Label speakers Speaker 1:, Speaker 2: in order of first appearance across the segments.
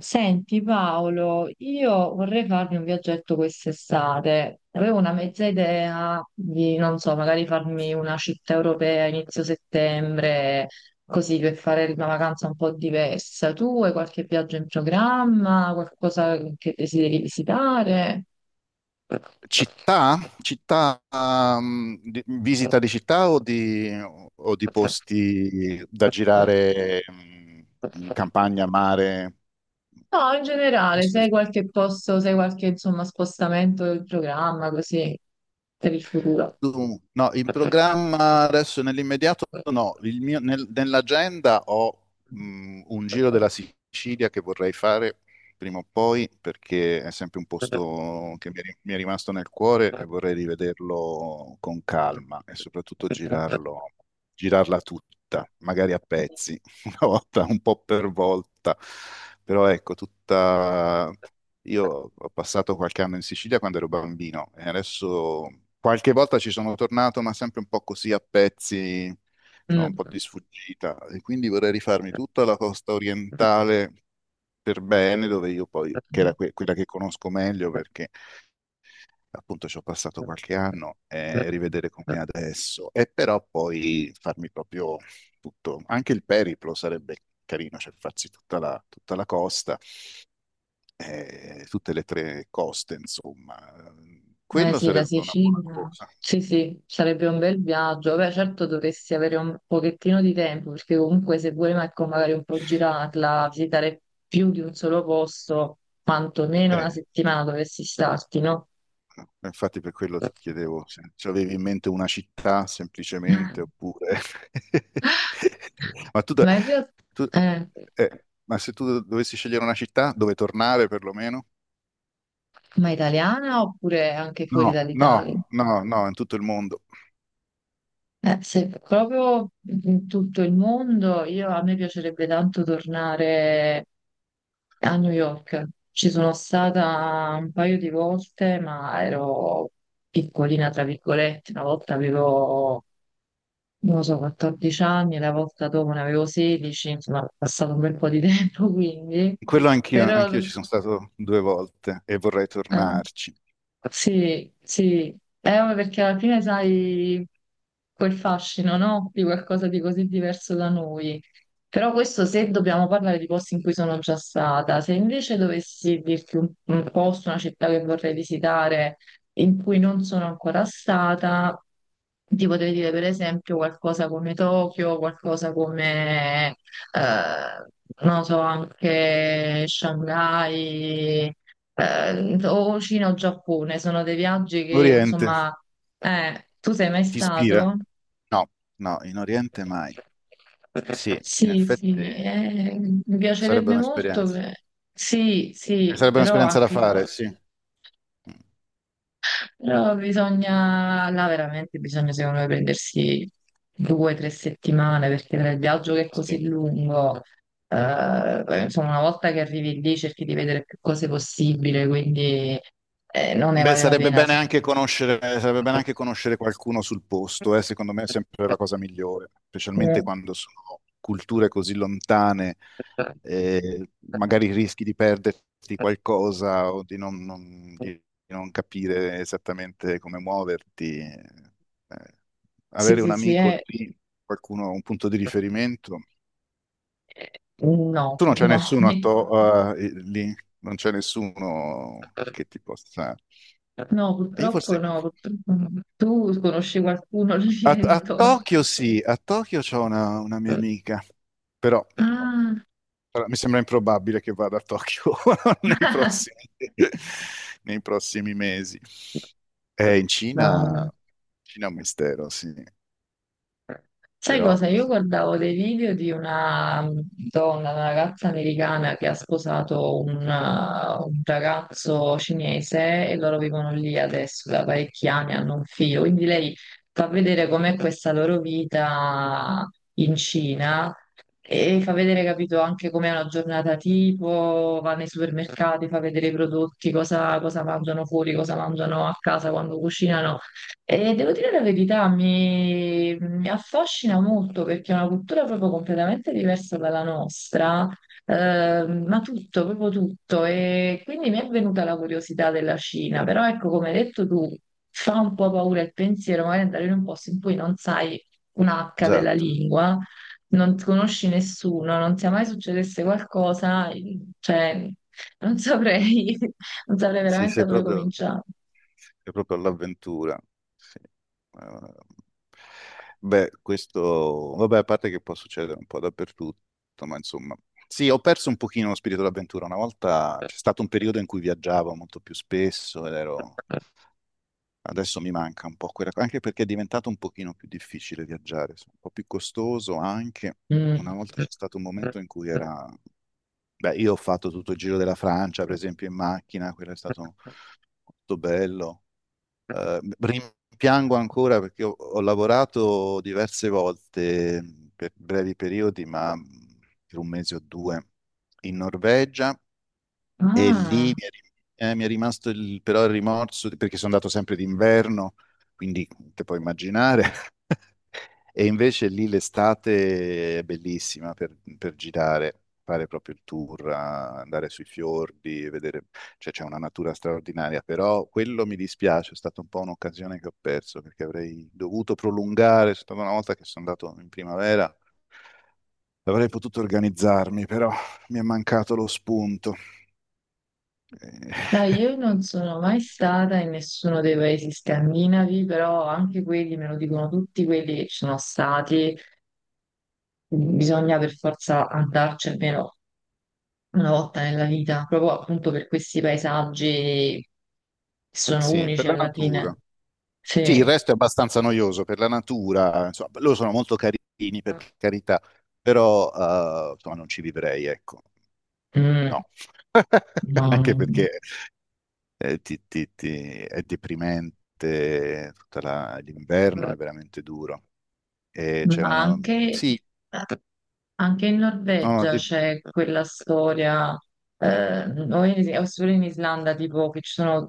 Speaker 1: Senti Paolo, io vorrei farmi un viaggetto quest'estate. Avevo una mezza idea di, non so, magari farmi una città europea a inizio settembre, così per fare una vacanza un po' diversa. Tu hai qualche viaggio in programma, qualcosa che desideri visitare?
Speaker 2: Città? Città, visita di città o di posti da girare, in campagna, mare?
Speaker 1: No, in generale, se hai qualche posto, se hai qualche, insomma, spostamento del programma, così, per il futuro.
Speaker 2: No, in programma adesso nell'immediato no. Nell'agenda ho un giro della Sicilia che vorrei fare prima o poi, perché è sempre un posto che mi è rimasto nel cuore, e vorrei rivederlo con calma e soprattutto girarlo, girarla tutta, magari a pezzi, una volta, un po' per volta, però ecco, tutta. Io ho passato qualche anno in Sicilia quando ero bambino, e adesso qualche volta ci sono tornato, ma sempre un po' così a pezzi, sono un po'
Speaker 1: Mm.
Speaker 2: di sfuggita, e quindi vorrei rifarmi tutta la costa orientale per bene, dove io poi, che era quella che conosco meglio, perché appunto ci ho passato qualche anno, e rivedere com'è adesso, e però poi farmi proprio tutto. Anche il periplo sarebbe carino, cioè farsi tutta la costa, tutte le tre coste, insomma.
Speaker 1: Eh
Speaker 2: Quello
Speaker 1: sì, la
Speaker 2: sarebbe una buona
Speaker 1: Sicilia.
Speaker 2: cosa.
Speaker 1: Sì, sì, sarebbe un bel viaggio. Beh, certo dovresti avere un pochettino di tempo, perché comunque se vuoi ecco, magari un po' girarla, visitare più di un solo posto, quantomeno una
Speaker 2: Eh,
Speaker 1: settimana dovresti starti, no?
Speaker 2: no, infatti per quello ti chiedevo se ci avevi in mente una città semplicemente, oppure... Ma tu, da-
Speaker 1: Ma in realtà,
Speaker 2: tu-
Speaker 1: eh,
Speaker 2: ma se tu dovessi scegliere una città dove tornare, perlomeno?
Speaker 1: ma italiana oppure anche fuori
Speaker 2: No,
Speaker 1: dall'Italia?
Speaker 2: no, no, no, in tutto il mondo.
Speaker 1: Se proprio in tutto il mondo, io, a me piacerebbe tanto tornare a New York. Ci sono stata un paio di volte, ma ero piccolina, tra virgolette. Una volta avevo, non lo so, 14 anni, la volta dopo ne avevo 16, insomma, è passato un bel po' di tempo, quindi.
Speaker 2: Quello anch'io,
Speaker 1: Però,
Speaker 2: anch'io ci sono stato due volte e vorrei
Speaker 1: eh,
Speaker 2: tornarci.
Speaker 1: sì, sì, ma perché alla fine sai quel fascino, no? Di qualcosa di così diverso da noi. Però questo se dobbiamo parlare di posti in cui sono già stata, se invece dovessi dirti un posto, una città che vorrei visitare, in cui non sono ancora stata, ti potrei dire per esempio qualcosa come Tokyo, qualcosa come, eh, non so, anche Shanghai, o Cina o Giappone, sono dei viaggi che
Speaker 2: Oriente,
Speaker 1: insomma, tu sei mai
Speaker 2: ti ispira?
Speaker 1: stato?
Speaker 2: No, no, in Oriente mai. Sì, in
Speaker 1: Sì,
Speaker 2: effetti
Speaker 1: sì, mi
Speaker 2: sarebbe
Speaker 1: piacerebbe molto,
Speaker 2: un'esperienza.
Speaker 1: sì, sì,
Speaker 2: Sarebbe
Speaker 1: però
Speaker 2: un'esperienza da
Speaker 1: anche lì.
Speaker 2: fare, sì. Mm,
Speaker 1: Però bisogna, là veramente bisogna secondo me prendersi due o tre settimane perché tra il viaggio che è così
Speaker 2: sì.
Speaker 1: lungo, insomma una volta che arrivi lì cerchi di vedere più cose possibile, quindi non ne
Speaker 2: Beh,
Speaker 1: vale la
Speaker 2: sarebbe
Speaker 1: pena.
Speaker 2: bene
Speaker 1: Sì,
Speaker 2: anche conoscere, sarebbe bene anche conoscere qualcuno sul posto. Secondo me è sempre la cosa migliore, specialmente
Speaker 1: mm,
Speaker 2: quando sono culture così lontane. Magari rischi di perderti qualcosa, o di non capire esattamente come muoverti.
Speaker 1: sì,
Speaker 2: Avere un
Speaker 1: sì, sì,
Speaker 2: amico lì, qualcuno, un punto di riferimento.
Speaker 1: no,
Speaker 2: Tu non c'è
Speaker 1: no,
Speaker 2: nessuno lì, non c'è nessuno che ti possa...
Speaker 1: no,
Speaker 2: Io
Speaker 1: purtroppo
Speaker 2: forse...
Speaker 1: no, purtroppo no. Tu conosci qualcuno alla
Speaker 2: A,
Speaker 1: fine di
Speaker 2: a
Speaker 1: Torre?
Speaker 2: Tokyo sì, a Tokyo c'ho una mia amica. Però no,
Speaker 1: Ah,
Speaker 2: però mi sembra improbabile che vada a Tokyo nei prossimi, nei prossimi mesi. In
Speaker 1: no.
Speaker 2: Cina, Cina è un mistero, sì,
Speaker 1: Sai
Speaker 2: però
Speaker 1: cosa? Io guardavo dei video di una donna, una ragazza americana che ha sposato un ragazzo cinese e loro vivono lì adesso da parecchi anni, hanno un figlio. Quindi lei fa vedere com'è questa loro vita in Cina e fa vedere, capito, anche com'è una giornata tipo, va nei supermercati, fa vedere i prodotti, cosa mangiano fuori, cosa mangiano a casa quando cucinano. E devo dire la verità, mi affascina molto perché è una cultura proprio completamente diversa dalla nostra, ma tutto, proprio tutto. E quindi mi è venuta la curiosità della Cina, però ecco, come hai detto tu, fa un po' paura il pensiero, magari andare in un posto in cui non sai un H della
Speaker 2: esatto.
Speaker 1: lingua, non conosci nessuno, non sia mai succedesse qualcosa, cioè, non saprei, non saprei
Speaker 2: Sì,
Speaker 1: veramente da
Speaker 2: sei
Speaker 1: dove
Speaker 2: proprio...
Speaker 1: cominciare.
Speaker 2: È proprio l'avventura. Sì. Beh, questo, vabbè, a parte che può succedere un po' dappertutto, ma insomma, sì, ho perso un pochino lo spirito d'avventura. Una volta c'è stato un periodo in cui viaggiavo molto più spesso ed ero... Adesso mi manca un po' quella cosa, anche perché è diventato un pochino più difficile viaggiare, un po' più costoso anche. Una
Speaker 1: Mm.
Speaker 2: volta c'è stato un momento in cui era... Beh, io ho fatto tutto il giro della Francia, per esempio, in macchina. Quello è stato molto bello. Rimpiango ancora, perché ho lavorato diverse volte, per brevi periodi, ma per un mese o due in Norvegia, e lì mi
Speaker 1: Ah.
Speaker 2: è, rim- eh, mi è rimasto però il rimorso, di- perché sono andato sempre d'inverno. Quindi te puoi immaginare. E invece lì l'estate è bellissima per girare, fare proprio il tour, andare sui fiordi, vedere, cioè c'è una natura straordinaria. Però quello mi dispiace, è stata un po' un'occasione che ho perso, perché avrei dovuto prolungare. È stata una volta che sono andato in primavera, avrei potuto organizzarmi, però mi è mancato lo spunto.
Speaker 1: No,
Speaker 2: Eh,
Speaker 1: io non sono mai stata in nessuno dei paesi scandinavi, però anche quelli me lo dicono tutti quelli che ci sono stati, bisogna per forza andarci almeno una volta nella vita, proprio appunto per questi paesaggi che sono
Speaker 2: Sì,
Speaker 1: unici
Speaker 2: per la
Speaker 1: alla fine.
Speaker 2: natura. Sì, il
Speaker 1: Sì.
Speaker 2: resto è abbastanza noioso per la natura, insomma, loro sono molto carini, per carità, però insomma, non ci vivrei, ecco,
Speaker 1: Mm,
Speaker 2: no.
Speaker 1: no,
Speaker 2: Anche
Speaker 1: no.
Speaker 2: perché eh, ti- ti- ti- è deprimente, tutta l'inverno è veramente duro. E c'è
Speaker 1: Ma
Speaker 2: una...
Speaker 1: anche
Speaker 2: Sì,
Speaker 1: Anche in
Speaker 2: no,
Speaker 1: Norvegia c'è quella storia, eh, o solo in Islanda, tipo che ci sono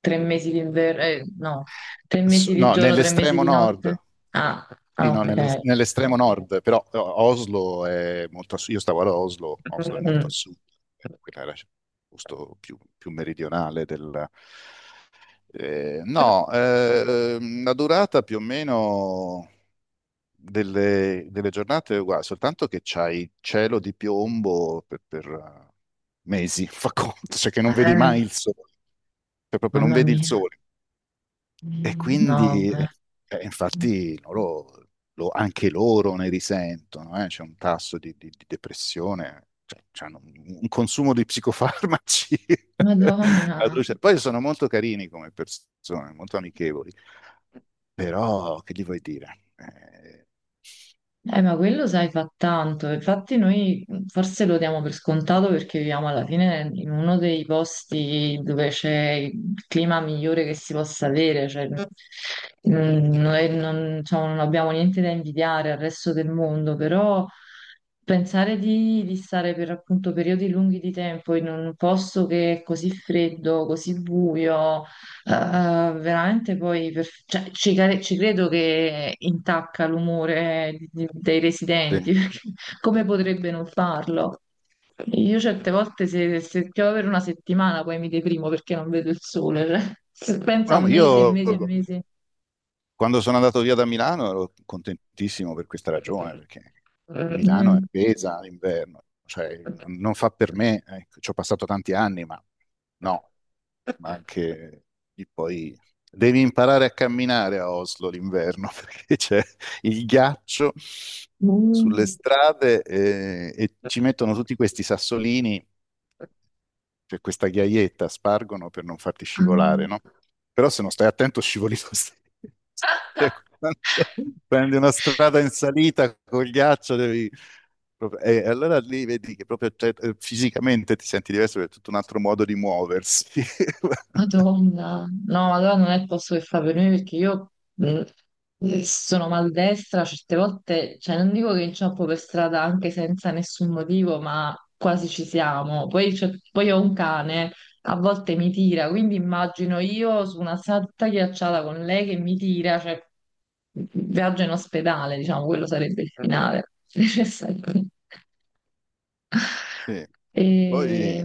Speaker 1: tre mesi di inverno, no, tre mesi di
Speaker 2: no,
Speaker 1: giorno, tre mesi
Speaker 2: nell'estremo
Speaker 1: di notte.
Speaker 2: nord.
Speaker 1: Ah,
Speaker 2: Sì,
Speaker 1: ah,
Speaker 2: no,
Speaker 1: ok.
Speaker 2: nell'estremo nord, però Oslo è molto a sud. Io stavo ad Oslo, Oslo è molto a
Speaker 1: Mm.
Speaker 2: sud, quella era il posto più meridionale del... No, la durata più o meno delle giornate è uguale, soltanto che c'hai cielo di piombo per, mesi, fa conto, cioè che non vedi
Speaker 1: Eh,
Speaker 2: mai il sole, cioè proprio non
Speaker 1: mamma
Speaker 2: vedi il
Speaker 1: mia.
Speaker 2: sole. E
Speaker 1: No,
Speaker 2: quindi,
Speaker 1: beh.
Speaker 2: infatti, anche loro ne risentono. C'è un tasso di depressione, cioè c'hanno un consumo di psicofarmaci.
Speaker 1: Madonna.
Speaker 2: Poi sono molto carini come persone, molto amichevoli, però che gli vuoi dire?
Speaker 1: Ma quello sai fa tanto, infatti noi mm, forse lo diamo per scontato perché viviamo alla fine in uno dei posti dove c'è il clima migliore che si possa avere, cioè, mm, noi non, diciamo, non abbiamo niente da invidiare al resto del mondo, però pensare di stare per appunto periodi lunghi di tempo in un posto che è così freddo, così buio. Eh, veramente poi cioè, ci credo che intacca l'umore dei
Speaker 2: Te-
Speaker 1: residenti, perché come potrebbe non farlo? Io certe volte se piove per una settimana poi mi deprimo perché non vedo il sole, cioè, se penso a
Speaker 2: no, ma
Speaker 1: mesi e
Speaker 2: io.
Speaker 1: mesi e
Speaker 2: Esatto.
Speaker 1: mesi.
Speaker 2: Quando sono andato via da Milano ero contentissimo per questa ragione, perché Milano è
Speaker 1: Mm.
Speaker 2: pesa l'inverno, cioè non fa per me, ecco. Ci ho passato tanti anni, ma no, ma anche lì poi devi imparare a camminare a Oslo l'inverno, perché c'è il ghiaccio sulle strade, e ci mettono tutti questi sassolini, c'è questa ghiaietta, spargono per non farti scivolare,
Speaker 1: Mm.
Speaker 2: no? Però se non stai attento scivoli lo stesso. Cioè, quando prendi una strada in salita col ghiaccio, devi... E allora lì vedi che proprio, cioè, fisicamente ti senti diverso, perché è tutto un altro modo di muoversi.
Speaker 1: Madonna, no, allora non è il posto che fa per me perché io sono maldestra, certe volte, cioè non dico che inciampo per strada anche senza nessun motivo, ma quasi ci siamo. Poi, poi ho un cane, a volte mi tira, quindi immagino io su una strada tutta ghiacciata con lei che mi tira, cioè viaggio in ospedale, diciamo, quello sarebbe il finale necessario.
Speaker 2: Sì.
Speaker 1: E...
Speaker 2: Poi,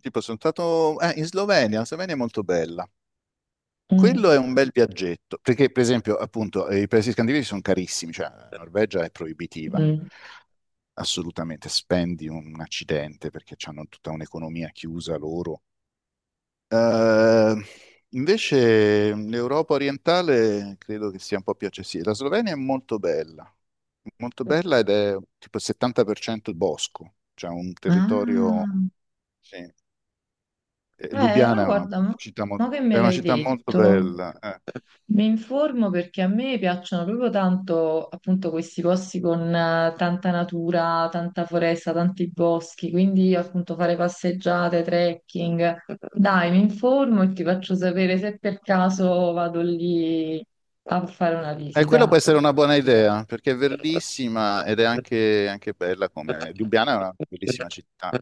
Speaker 2: tipo, sono stato in Slovenia, la Slovenia è molto bella. Quello
Speaker 1: mm,
Speaker 2: è un bel viaggetto, perché per esempio, appunto, i paesi scandinavi sono carissimi, cioè la Norvegia è proibitiva.
Speaker 1: mm.
Speaker 2: Assolutamente spendi un accidente, perché hanno tutta un'economia chiusa loro. Eh, invece l'Europa orientale credo che sia un po' più accessibile. La Slovenia è molto bella, molto bella, ed è tipo il 70% bosco, cioè un territorio...
Speaker 1: Ah.
Speaker 2: Sì. Eh,
Speaker 1: Ma
Speaker 2: Lubiana è una
Speaker 1: guarda,
Speaker 2: città
Speaker 1: mo
Speaker 2: molto,
Speaker 1: che me
Speaker 2: è una
Speaker 1: l'hai
Speaker 2: città molto
Speaker 1: detto,
Speaker 2: bella.
Speaker 1: mi informo perché a me piacciono proprio tanto appunto questi posti con tanta natura, tanta foresta, tanti boschi, quindi appunto fare passeggiate, trekking. Dai, mi informo e ti faccio sapere se per caso vado lì a fare una
Speaker 2: Quello può
Speaker 1: visita.
Speaker 2: essere una buona idea, perché è verdissima ed è anche, anche bella come... Lubiana è una bellissima città.